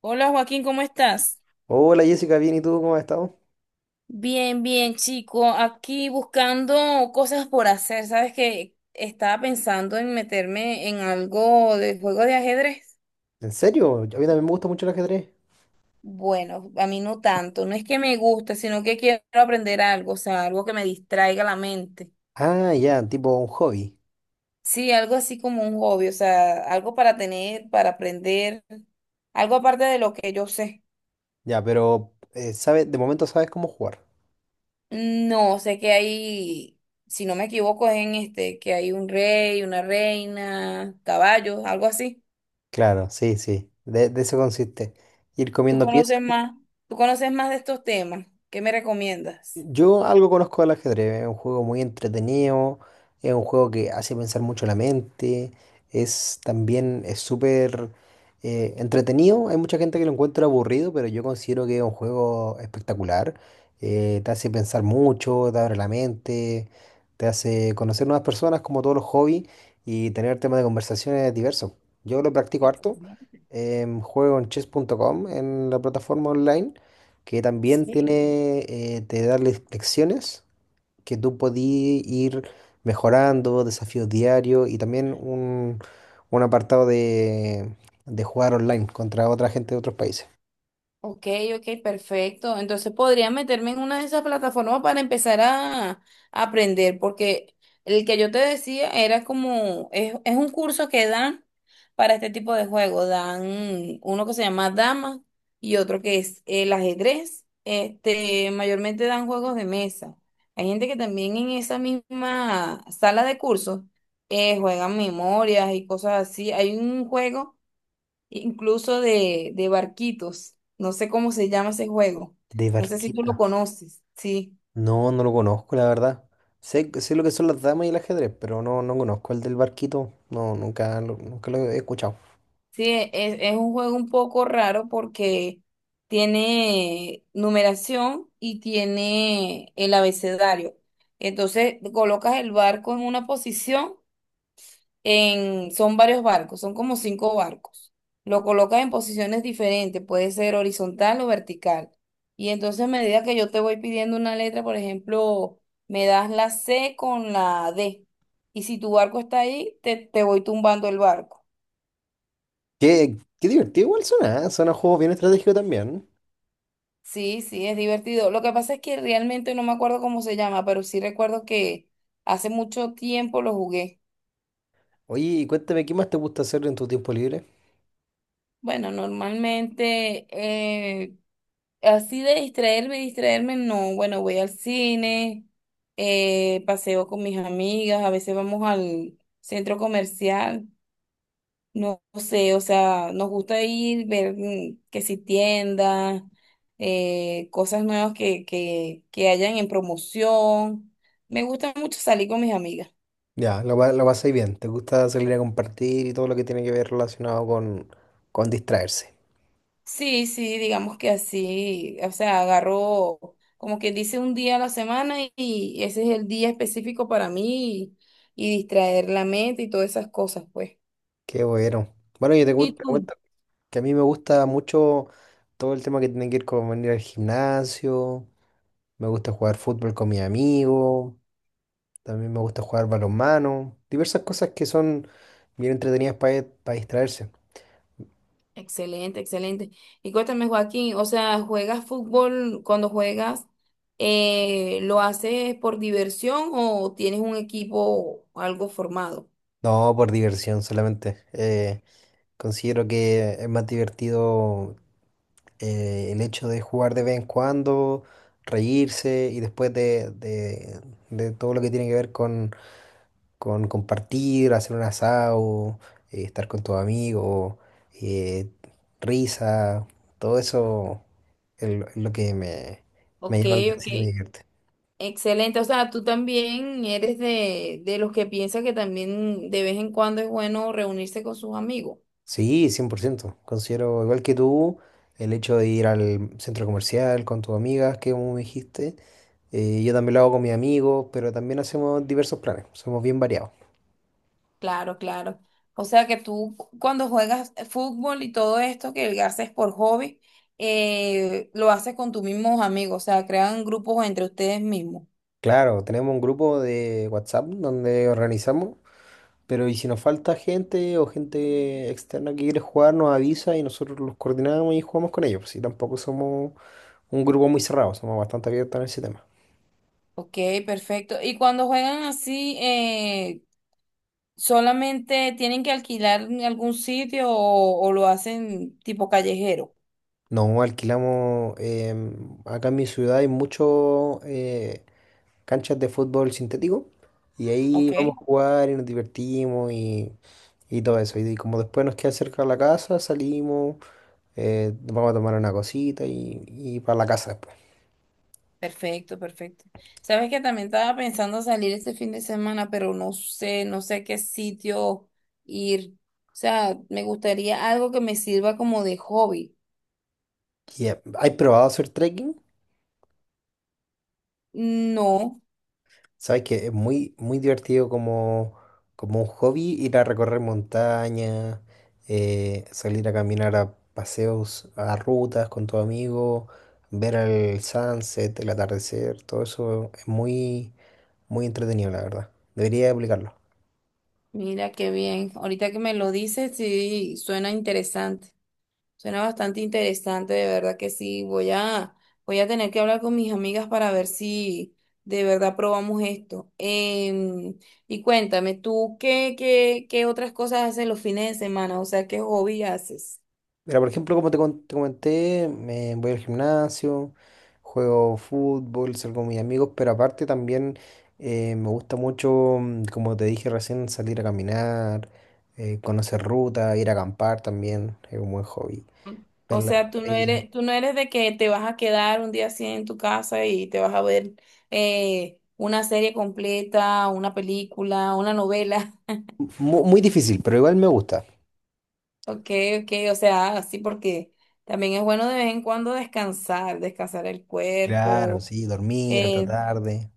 Hola Joaquín, ¿cómo estás? Hola Jessica, bien, ¿y tú cómo has estado? Bien, bien, chico. Aquí buscando cosas por hacer. Sabes que estaba pensando en meterme en algo de juego de ajedrez. ¿En serio? A mí también me gusta mucho el ajedrez. Bueno, a mí no tanto. No es que me guste, sino que quiero aprender algo, o sea, algo que me distraiga la mente. Ah, ya, tipo un hobby. Sí, algo así como un hobby, o sea, algo para tener, para aprender, algo aparte de lo que yo sé. Ya, pero sabes, de momento sabes cómo jugar. No, sé que hay, si no me equivoco, es en este, que hay un rey, una reina, caballos, algo así. Claro, sí, sí, de eso consiste. Ir ¿Tú comiendo piezas. conoces más? ¿Tú conoces más de estos temas? ¿Qué me recomiendas? Yo algo conozco del ajedrez, es un juego muy entretenido, es un juego que hace pensar mucho la mente, es también es súper entretenido, hay mucha gente que lo encuentra aburrido, pero yo considero que es un juego espectacular, te hace pensar mucho, te abre la mente, te hace conocer nuevas personas como todos los hobbies y tener temas de conversaciones diversos. Yo lo practico harto, Excelente. Juego en chess.com en la plataforma online que también Sí. tiene, te da lecciones que tú podí ir mejorando, desafíos diarios y también un apartado de jugar online contra otra gente de otros países. Ok, ok, perfecto. Entonces podría meterme en una de esas plataformas para empezar a aprender, porque el que yo te decía era como, es un curso que dan para este tipo de juego. Dan uno que se llama Dama y otro que es el ajedrez. Este, mayormente dan juegos de mesa. Hay gente que también en esa misma sala de cursos juegan memorias y cosas así. Hay un juego incluso de barquitos. No sé cómo se llama ese juego. De No sé si tú barquita. lo conoces. Sí, No, no lo conozco, la verdad. Sé lo que son las damas y el ajedrez, pero no, no conozco el del barquito. No, nunca lo, nunca lo he escuchado. sí, es un juego un poco raro porque tiene numeración y tiene el abecedario. Entonces colocas el barco en una posición son varios barcos, son como cinco barcos. Lo colocas en posiciones diferentes, puede ser horizontal o vertical. Y entonces a medida que yo te voy pidiendo una letra, por ejemplo, me das la C con la D. Y si tu barco está ahí, te voy tumbando el barco. Qué divertido igual suena, ¿eh? Suena un juego bien estratégico también. Sí, sí, es divertido. Lo que pasa es que realmente no me acuerdo cómo se llama, pero sí recuerdo que hace mucho tiempo lo jugué. Oye, y cuéntame, ¿qué más te gusta hacer en tu tiempo libre? Bueno, normalmente así de distraerme, distraerme, no. Bueno, voy al cine, paseo con mis amigas, a veces vamos al centro comercial, no sé, o sea, nos gusta ir, ver que si tiendas, cosas nuevas que, que hayan en promoción. Me gusta mucho salir con mis amigas. Ya, lo pasáis bien. Te gusta salir a compartir y todo lo que tiene que ver relacionado con distraerse. Sí, sí, digamos que así, o sea, agarro como quien dice un día a la semana y ese es el día específico para mí y distraer la mente y todas esas cosas, pues. Qué bueno. Bueno, ¿Y te tú? cuento que a mí me gusta mucho todo el tema que tiene que ver con venir al gimnasio. Me gusta jugar fútbol con mis amigos. También me gusta jugar balonmano. Diversas cosas que son bien entretenidas para distraerse. Excelente, excelente. Y cuéntame, Joaquín, o sea, ¿juegas fútbol cuando juegas? ¿Lo haces por diversión o tienes un equipo algo formado? No, por diversión solamente. Considero que es más divertido el hecho de jugar de vez en cuando, reírse y de todo lo que tiene que ver con compartir, hacer un asado, estar con tus amigos, eh, risa, todo eso es lo que me Ok, llama la ok. atención y me divierte. Excelente, o sea, tú también eres de los que piensa que también de vez en cuando es bueno reunirse con sus amigos. Sí, 100%. Considero igual que tú el hecho de ir al centro comercial con tus amigas, que como me dijiste. Yo también lo hago con mis amigos, pero también hacemos diversos planes, somos bien variados. Claro, claro. O sea que tú cuando juegas fútbol y todo esto que haces por hobby, lo haces con tus mismos amigos, o sea, crean grupos entre ustedes mismos. Claro, tenemos un grupo de WhatsApp donde organizamos, pero y si nos falta gente o gente externa que quiere jugar, nos avisa y nosotros los coordinamos y jugamos con ellos. Pues sí, tampoco somos un grupo muy cerrado, somos bastante abiertos en ese tema. Ok, perfecto. Y cuando juegan así, ¿solamente tienen que alquilar en algún sitio o lo hacen tipo callejero? No alquilamos, acá en mi ciudad hay muchas canchas de fútbol sintético y ahí Ok. vamos a jugar y nos divertimos y todo eso. Y como después nos queda cerca la casa, salimos, vamos a tomar una cosita y para la casa después. Perfecto, perfecto. Sabes que también estaba pensando salir este fin de semana, pero no sé, no sé a qué sitio ir. O sea, me gustaría algo que me sirva como de hobby. Yeah. ¿Has probado hacer trekking? No, Sabes que es muy, muy divertido como, como un hobby ir a recorrer montañas, salir a caminar a paseos, a rutas con tu amigo, ver el sunset, el atardecer, todo eso es muy, muy entretenido, la verdad. Debería aplicarlo. mira qué bien. Ahorita que me lo dices, sí, suena interesante. Suena bastante interesante, de verdad que sí. Voy a tener que hablar con mis amigas para ver si de verdad probamos esto. Em, y cuéntame, ¿tú qué, qué otras cosas haces los fines de semana? O sea, ¿qué hobby haces? Mira, por ejemplo, te comenté, me voy al gimnasio, juego fútbol, salgo con mis amigos, pero aparte también me gusta mucho, como te dije recién, salir a caminar, conocer ruta, ir a acampar también, es un buen hobby. Ver O las sea, tú no estrellas. eres, tú no eres de que te vas a quedar un día así en tu casa y te vas a ver una serie completa, una película, una novela. Difícil, pero igual me gusta. Ok, ok, o sea, así porque también es bueno de vez en cuando descansar, descansar el Claro, cuerpo. sí, dormir hasta eh, tarde.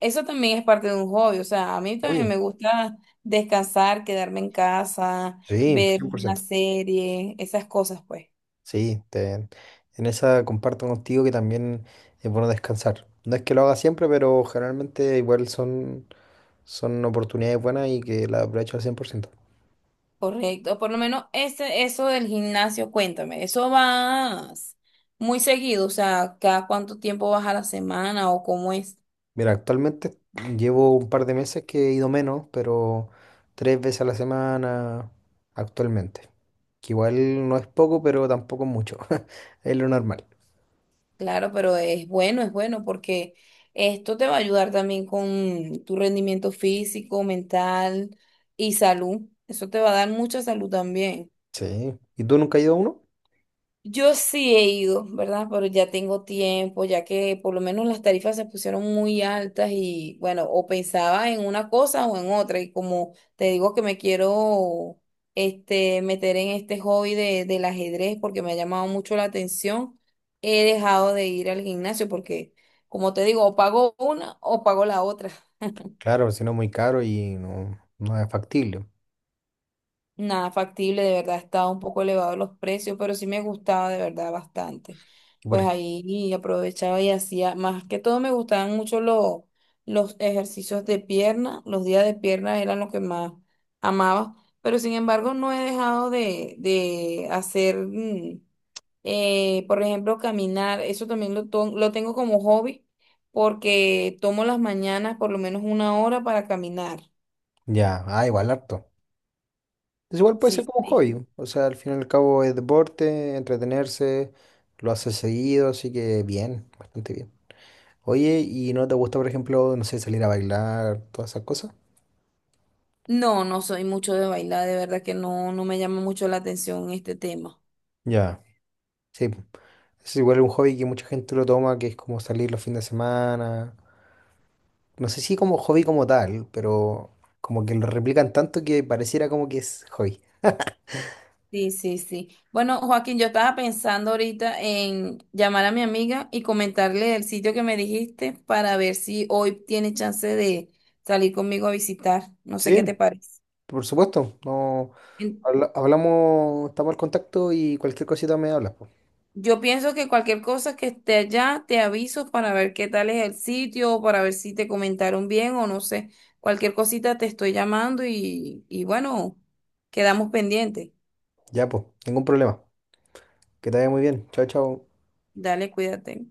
Eso también es parte de un hobby, o sea, a mí también Obvio. me gusta descansar, quedarme en casa, Sí, ver cien por una ciento. serie, esas cosas, pues. Sí, te- en esa comparto contigo que también es bueno descansar. No es que lo haga siempre, pero generalmente igual son oportunidades buenas y que las aprovecho al 100%. Correcto, por lo menos eso del gimnasio, cuéntame, ¿eso vas muy seguido? O sea, ¿cada cuánto tiempo vas a la semana o cómo es? Mira, actualmente llevo un par de meses que he ido menos, pero 3 veces a la semana actualmente. Que igual no es poco, pero tampoco es mucho. Es lo normal. Claro, pero es bueno porque esto te va a ayudar también con tu rendimiento físico, mental y salud. Eso te va a dar mucha salud también. Sí. ¿Y tú nunca has ido a uno? Yo sí he ido, ¿verdad? Pero ya tengo tiempo, ya que por lo menos las tarifas se pusieron muy altas y bueno, o pensaba en una cosa o en otra. Y como te digo que me quiero este, meter en este hobby del ajedrez porque me ha llamado mucho la atención, he dejado de ir al gimnasio porque, como te digo, o pago una o pago la otra. Claro, si no es muy caro y no, no es factible. Nada factible, de verdad estaba un poco elevado los precios, pero sí me gustaba de verdad bastante. Y por Pues ej- ahí aprovechaba y hacía, más que todo me gustaban mucho los, ejercicios de pierna, los días de pierna eran lo que más amaba, pero sin embargo no he dejado de hacer, por ejemplo, caminar, eso también lo tengo como hobby porque tomo las mañanas por lo menos una hora para caminar. ya, ah, igual harto. Entonces igual puede ser Sí. como un hobby. O sea, al fin y al cabo es deporte, entretenerse, lo hace seguido, así que bien, bastante bien. Oye, ¿y no te gusta, por ejemplo, no sé, salir a bailar, todas esas cosas? No, no soy mucho de bailar, de verdad que no, no me llama mucho la atención este tema. Ya. Sí, po. Es igual un hobby que mucha gente lo toma, que es como salir los fines de semana. No sé si como hobby como tal, pero como que lo replican tanto que pareciera como que es hobby. Sí, sí, sí. Bueno, Joaquín, yo estaba pensando ahorita en llamar a mi amiga y comentarle el sitio que me dijiste para ver si hoy tiene chance de salir conmigo a visitar. No sé Sí, qué te parece. por supuesto. No, En- hablamos, estamos al contacto y cualquier cosita me hablas, po. Yo pienso que cualquier cosa que esté allá, te aviso para ver qué tal es el sitio, para ver si te comentaron bien o no sé. Cualquier cosita te estoy llamando y bueno, quedamos pendientes. Ya, pues, ningún problema. Que te vaya muy bien. Chao, chao. Dale, cuídate.